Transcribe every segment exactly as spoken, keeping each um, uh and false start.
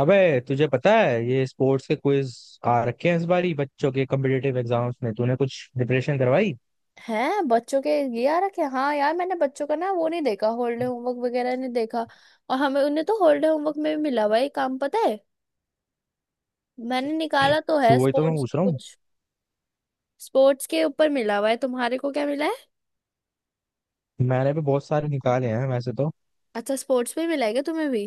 अबे, तुझे पता है ये स्पोर्ट्स के क्विज आ रखे हैं। इस बारी बच्चों के कम्पिटेटिव एग्जाम्स में तूने कुछ प्रिपरेशन करवाई? है बच्चों के, ये आ रखे। हाँ यार, मैंने बच्चों का ना वो नहीं देखा, हॉलीडे होमवर्क वगैरह नहीं देखा। और हमें उन्हें तो हॉलीडे होमवर्क में भी मिला हुआ है ये काम, पता है। मैंने निकाला तो तो है वही तो मैं स्पोर्ट्स पूछ का रहा हूँ। कुछ। स्पोर्ट्स के ऊपर मिला हुआ है, तुम्हारे को क्या मिला है? मैंने भी बहुत सारे निकाले हैं वैसे तो। अच्छा, स्पोर्ट्स में मिला है क्या तुम्हें भी?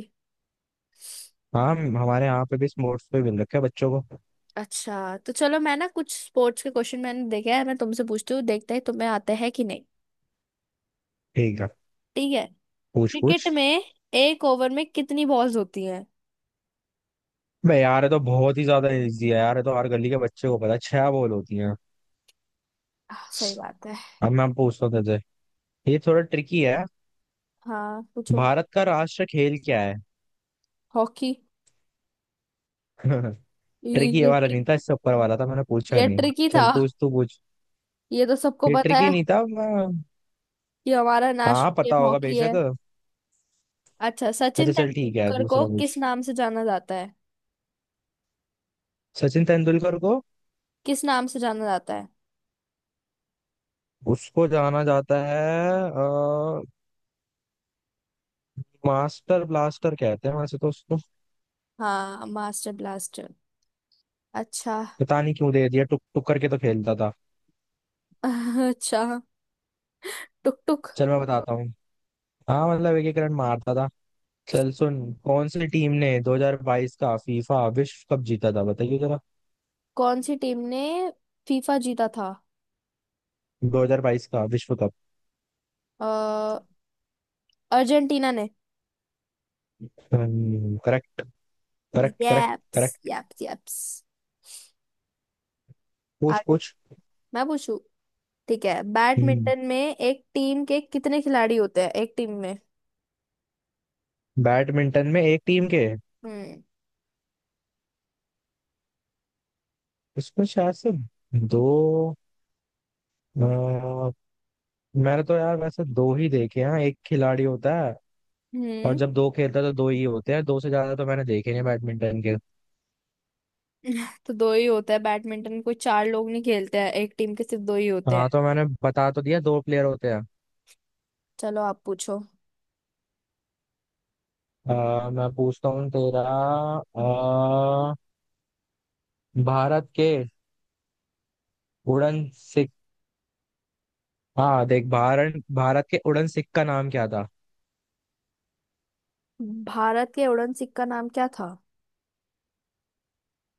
हाँ, हमारे यहाँ पे भी स्पोर्ट्स पे मिल रखे हैं बच्चों को। अच्छा तो चलो, मैं ना कुछ स्पोर्ट्स के क्वेश्चन मैंने देखे हैं, मैं तुमसे पूछती हूँ, देखते हैं तुम्हें आते हैं कि नहीं। ठीक है। ठीक है। पूछ पूछ। क्रिकेट में एक ओवर में कितनी बॉल्स होती हैं? बे यार, ये तो बहुत ही ज्यादा इजी है यार, ये तो हर गली के बच्चे को पता है, छह बॉल होती हैं। आह, सही बात है। अब मैं पूछता हूँ तुझे, ये थोड़ा ट्रिकी है। हाँ, पूछो। भारत का राष्ट्र खेल क्या है? हॉकी। ये ट्रिकी ये ये वाला ट्रिक। नहीं था, इससे ऊपर वाला था, मैंने पूछा ये नहीं। ट्रिकी था। चल पूछ, तू पूछ। ये तो सबको ये पता ट्रिकी है नहीं था मैं। कि हमारा हाँ नेशनल पता गेम होगा हॉकी है। बेशक। अच्छा, अच्छा सचिन चल ठीक है, तेंदुलकर को दूसरा पूछ। किस नाम से जाना जाता है? सचिन तेंदुलकर को, किस नाम से जाना जाता है? उसको जाना जाता है, अ, मास्टर ब्लास्टर कहते हैं वैसे तो उसको। हाँ, मास्टर ब्लास्टर। अच्छा। पता नहीं क्यों दे दिया, टुक टुक करके तो खेलता था। अच्छा। टुक टुक। चल मैं बताता हूँ। हाँ मतलब एक एक रन मारता था। चल सुन, कौन सी टीम ने दो हज़ार बाईस का फीफा विश्व कप जीता था बताइए जरा। कौन सी टीम ने फीफा जीता था? दो हज़ार बाईस का विश्व कप। अ, अर्जेंटीना ने। हम्म, correct correct correct yups, correct. Yups, yups. पूछ आगे पूछ। मैं पूछू। ठीक है, हम्म, बैडमिंटन में एक टीम के कितने खिलाड़ी होते हैं, एक टीम में? बैडमिंटन में एक टीम के, हम्म। उसमें शायद से दो। अ, मैंने तो यार वैसे दो ही देखे हैं, एक खिलाड़ी होता है। और हम्म। जब दो खेलता है तो दो ही होते हैं, दो से ज्यादा तो मैंने देखे नहीं बैडमिंटन के। तो दो ही होता है बैडमिंटन, कोई चार लोग नहीं खेलते हैं, एक टीम के सिर्फ दो ही होते हाँ हैं। तो मैंने बता तो दिया, दो प्लेयर होते हैं। चलो, आप पूछो। अ, मैं पूछता हूँ तेरा। अ, भारत के उड़न सिख, हाँ देख, भारत भारत के उड़न सिख का नाम क्या था? भारत के उड़न सिख का नाम क्या था?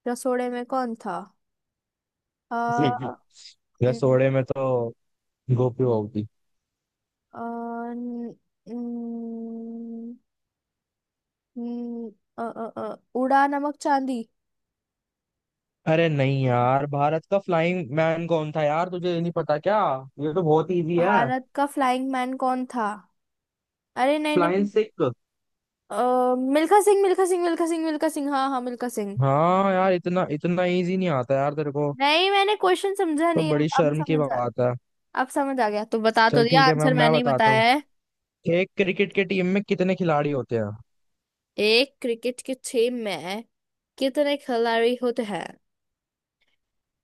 रसोड़े में कौन था? अ न- रसोड़े में तो गोपी होगी। अ, न- न- न- अ, अ, अ, उड़ा नमक चांदी। अरे नहीं यार, भारत का फ्लाइंग मैन कौन था यार, तुझे ये नहीं पता क्या? ये तो बहुत इजी है। भारत का फ्लाइंग मैन कौन था? अरे नहीं, फ्लाइंग नहीं। सिख। अ, मिल्खा सिंह, मिल्खा सिंह, मिल्खा सिंह, मिल्खा सिंह, हाँ हाँ, मिल्खा सिंह। हाँ यार, इतना इतना इजी नहीं आता यार तेरे को, नहीं, मैंने क्वेश्चन समझा तो नहीं, अब बड़ी अब शर्म की समझ आ। बात है। अब समझ आ गया तो बता तो चल दिया, ठीक है, मैं आंसर मैं मैंने ही बताता हूँ। बताया। एक क्रिकेट के टीम में कितने खिलाड़ी होते हैं? एक क्रिकेट की टीम में कितने खिलाड़ी होते हैं?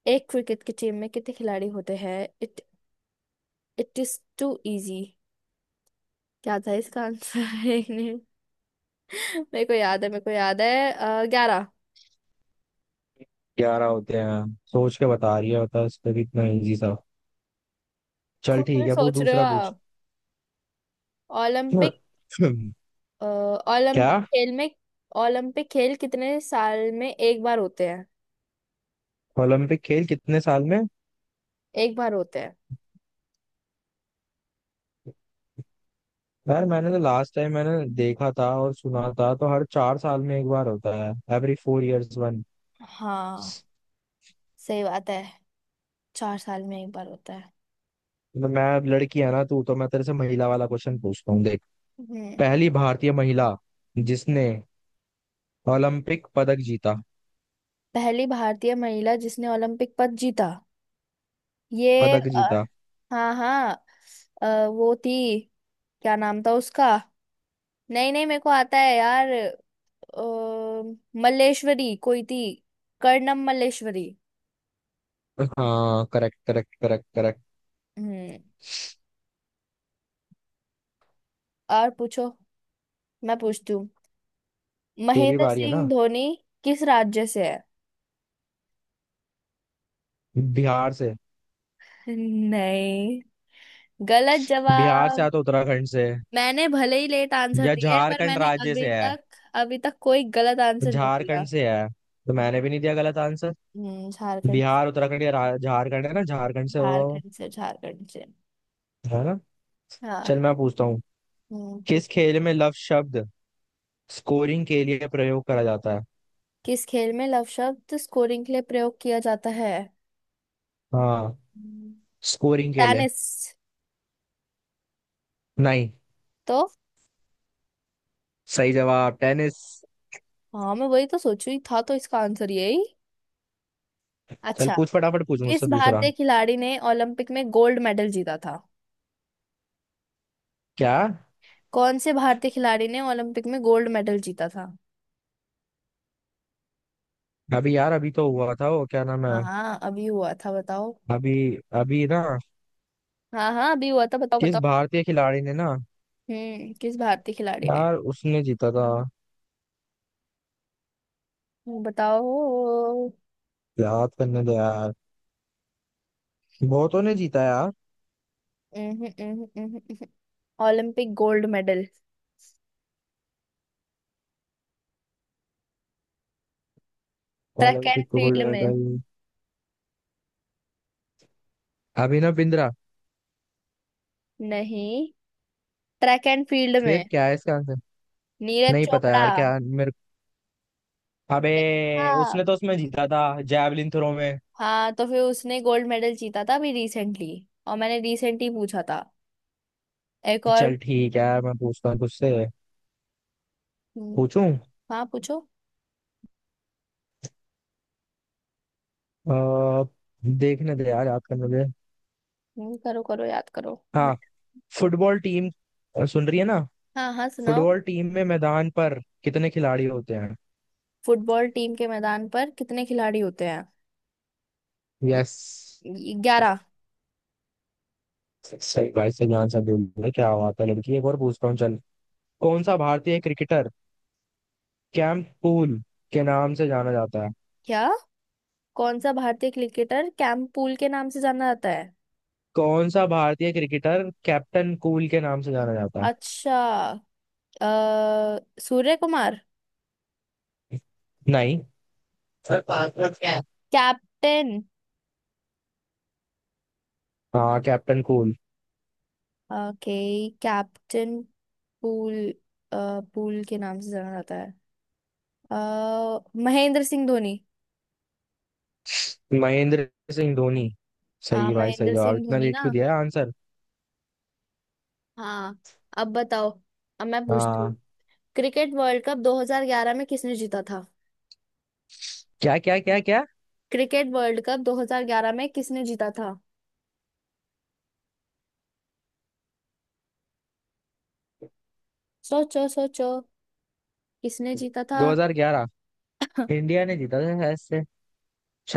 एक क्रिकेट की टीम में कितने खिलाड़ी होते हैं? It it is too easy. क्या था इसका आंसर? एक मिनट। मेरे को याद है मेरे को याद है ग्यारह। ग्यारह होते हैं। सोच के बता रही है, बता, इस पे भी इतना इजी सा। चल खुद ठीक भी है, वो सोच रहे हो दूसरा पूछ। आप? ओलंपिक, अ, क्या? ओलंपिक खेल में। ओलंपिक खेल कितने साल में एक बार होते हैं? ओलंपिक खेल कितने साल में? एक बार होते हैं? यार मैंने तो लास्ट टाइम मैंने देखा था और सुना था, तो हर चार साल में एक बार होता है, एवरी फोर इयर्स वन। हाँ, सही बात है। चार साल में एक बार होता है। मैं अब, लड़की है ना तू, तो मैं तेरे से महिला वाला क्वेश्चन पूछता हूँ। हम्म। पहली भारतीय महिला जिसने ओलंपिक पदक जीता। पहली भारतीय महिला जिसने ओलंपिक पद जीता। ये, पदक अ, जीता। हाँ हाँ। अ, वो थी, क्या नाम था उसका? नहीं नहीं, मेरे को आता है यार। अ, मल्लेश्वरी कोई थी। कर्णम मल्लेश्वरी। हाँ, करेक्ट करेक्ट करेक्ट करेक्ट। हम्म। और पूछो। मैं पूछती हूँ। तेरी महेंद्र बारी है सिंह ना। धोनी किस राज्य से है? बिहार से। नहीं। गलत बिहार से या जवाब। तो उत्तराखंड से। मैंने भले ही लेट आंसर या दिया है पर झारखंड मैंने राज्य अभी से है। तक अभी तक कोई गलत आंसर नहीं दिया। झारखंड से है। तो मैंने भी नहीं दिया गलत आंसर। हम्म, झारखंड। बिहार, उत्तराखंड या रा- झारखंड, है ना, झारखंड से होगा वो, झारखंड से, झारखंड से। है ना? हाँ। चल मैं पूछता हूँ। हम्म। कि- किस खेल में लव शब्द स्कोरिंग के लिए प्रयोग करा जाता है? किस खेल में लव शब्द स्कोरिंग के लिए प्रयोग किया जाता है? हाँ, स्कोरिंग के लिए। टेनिस। नहीं, तो, सही जवाब टेनिस। हाँ मैं वही तो सोचू ही था तो इसका आंसर यही। चल अच्छा। पूछ, फटाफट पूछ किस मुझसे दूसरा। भारतीय खिलाड़ी ने ओलंपिक में गोल्ड मेडल जीता था? क्या? कौन से भारतीय खिलाड़ी ने ओलंपिक में गोल्ड मेडल जीता था? अभी यार, अभी तो हुआ था वो, क्या नाम है। हाँ हाँ, अभी हुआ था बताओ। अभी, अभी ना। हाँ हाँ, अभी हुआ था, बताओ किस बताओ। भारतीय खिलाड़ी ने ना। हम्म, किस भारतीय खिलाड़ी ने। यार उसने जीता था। बताओ। उम्हूं, याद करने दो यार। बहुतों ने जीता यार। उम्हूं, उम्हूं, उम्हूं। Olympic gold medal, track and Olympic gold field में। मेडल। अभिनव बिंद्रा। नहीं। ट्रैक एंड फील्ड में। फिर क्या है इसका आंसर? नीरज नहीं पता चोपड़ा। यार, क्या मेरे। अबे, देखा आप? उसने तो उसमें जीता था, जैवलिन थ्रो में। हाँ तो फिर उसने गोल्ड मेडल जीता था अभी रिसेंटली। और मैंने रिसेंटली पूछा था। एक और। चल ठीक है यार, मैं पूछता हूँ तुझसे। हम्म। पूछूं? हाँ, पूछो। अ, देखने दे यार, याद करने दे। हम्म, करो करो याद करो, मैं। हाँ, फुटबॉल टीम, सुन रही है ना? हाँ हाँ, सुनाओ। फुटबॉल टीम में मैदान पर कितने खिलाड़ी होते हैं? फुटबॉल टीम के मैदान पर कितने खिलाड़ी होते हैं? यस। ग्यारह। सही भाई, सही आंसर बोल रहे हैं। क्या बात है लड़की, एक और पूछता हूँ चल। कौन सा भारतीय क्रिकेटर कैप्टन कूल के नाम से जाना जाता है? क्या? कौन सा भारतीय क्रिकेटर कैंपूल के नाम से जाना जाता है? कौन सा भारतीय क्रिकेटर कैप्टन कूल के नाम से जाना जाता अच्छा। अ, सूर्य कुमार। है? नहीं। सर, पासवर्ड क्या है? कैप्टन। हाँ, captain cool. Okay. Captain pool. अ, पूल के नाम से जाना जाता है। अ, महेंद्र सिंह धोनी। महेंद्र सिंह धोनी। हाँ, सही भाई, सही महेंद्र जवाब, सिंह इतना धोनी लेट ना। क्यों दिया है आंसर। हाँ। अब बताओ। अब मैं पूछती हूँ। हाँ। क्रिकेट वर्ल्ड कप दो हज़ार ग्यारह में किसने जीता था? क्या क्या क्या क्या? क्रिकेट वर्ल्ड कप दो हज़ार ग्यारह में किसने जीता था? सोचो सोचो, किसने जीता था? दो हज़ार ग्यारह? इंडिया ने जीता था शायद से।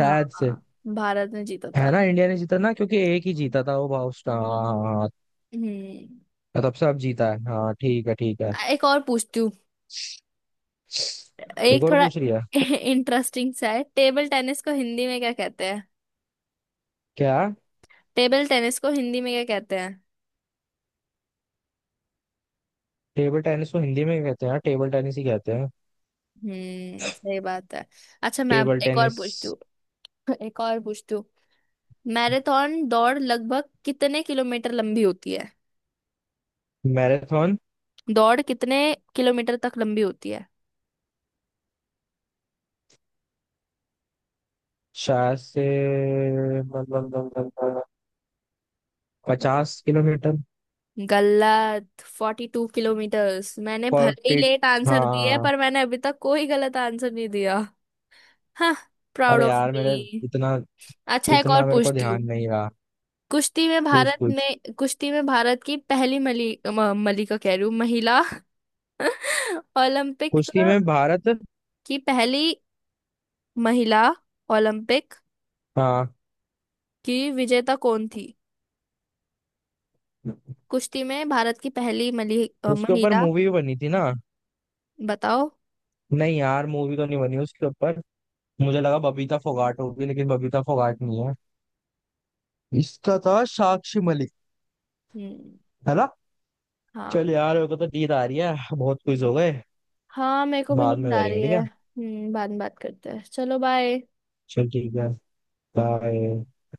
हाँ से। हाँ, भारत ने जीता था। है ना, इंडिया ने जीता ना, क्योंकि एक ही जीता था वो भाउस, हाँ हाँ, हाँ, हम्म। तब से अब जीता है। हाँ, ठीक है ठीक है। एक और पूछती हूँ। एक एक और थोड़ा पूछ रही है। इंटरेस्टिंग सा है। टेबल टेनिस को हिंदी में क्या कहते? क्या? टेबल टेनिस को हिंदी में क्या कहते हैं? टेबल टेनिस को हिंदी में क्या कहते हैं? टेबल टेनिस ही कहते हैं। हम्म, सही बात है। अच्छा, मैं अब टेबल एक और टेनिस। पूछती हूँ। एक और पूछती हूँ। मैराथन दौड़ लगभग कितने किलोमीटर लंबी होती है? मैराथन। दौड़ कितने किलोमीटर तक लंबी होती है? शायद से बताओ। पचास किलोमीटर। गलत। Forty two kilometres. मैंने भले ही फोर्टी। लेट आंसर दिया है हाँ। पर मैंने अभी तक कोई गलत आंसर नहीं दिया। हाँ। प्राउड अरे ऑफ यार मेरे, मी। इतना, अच्छा, एक और इतना मेरे को पूछती हूँ। ध्यान नहीं रहा। कुश्ती में पूछ भारत पूछ। में, कुश्ती में भारत की पहली मली, म- मलिका, कह रही हूँ, महिला। ओलंपिक कुश्ती में भारत। की पहली महिला ओलंपिक हाँ। की विजेता कौन थी? कुश्ती में भारत की पहली मली, अ, उसके ऊपर महिला। मूवी भी बनी थी ना? बताओ। नहीं यार, मूवी तो नहीं बनी उसके ऊपर। मुझे लगा बबीता फोगाट होगी, लेकिन बबीता फोगाट नहीं है। इसका था साक्षी मलिक। हम्म। है ना? हाँ। चल यार, मेरे को तो नींद आ रही है, बहुत कुछ हो गए। हाँ, मेरे को भी बाद नींद में आ करेंगे, रही ठीक है। है। हम्म बाद में बात करते हैं, चलो बाय। चल ठीक है। बाय।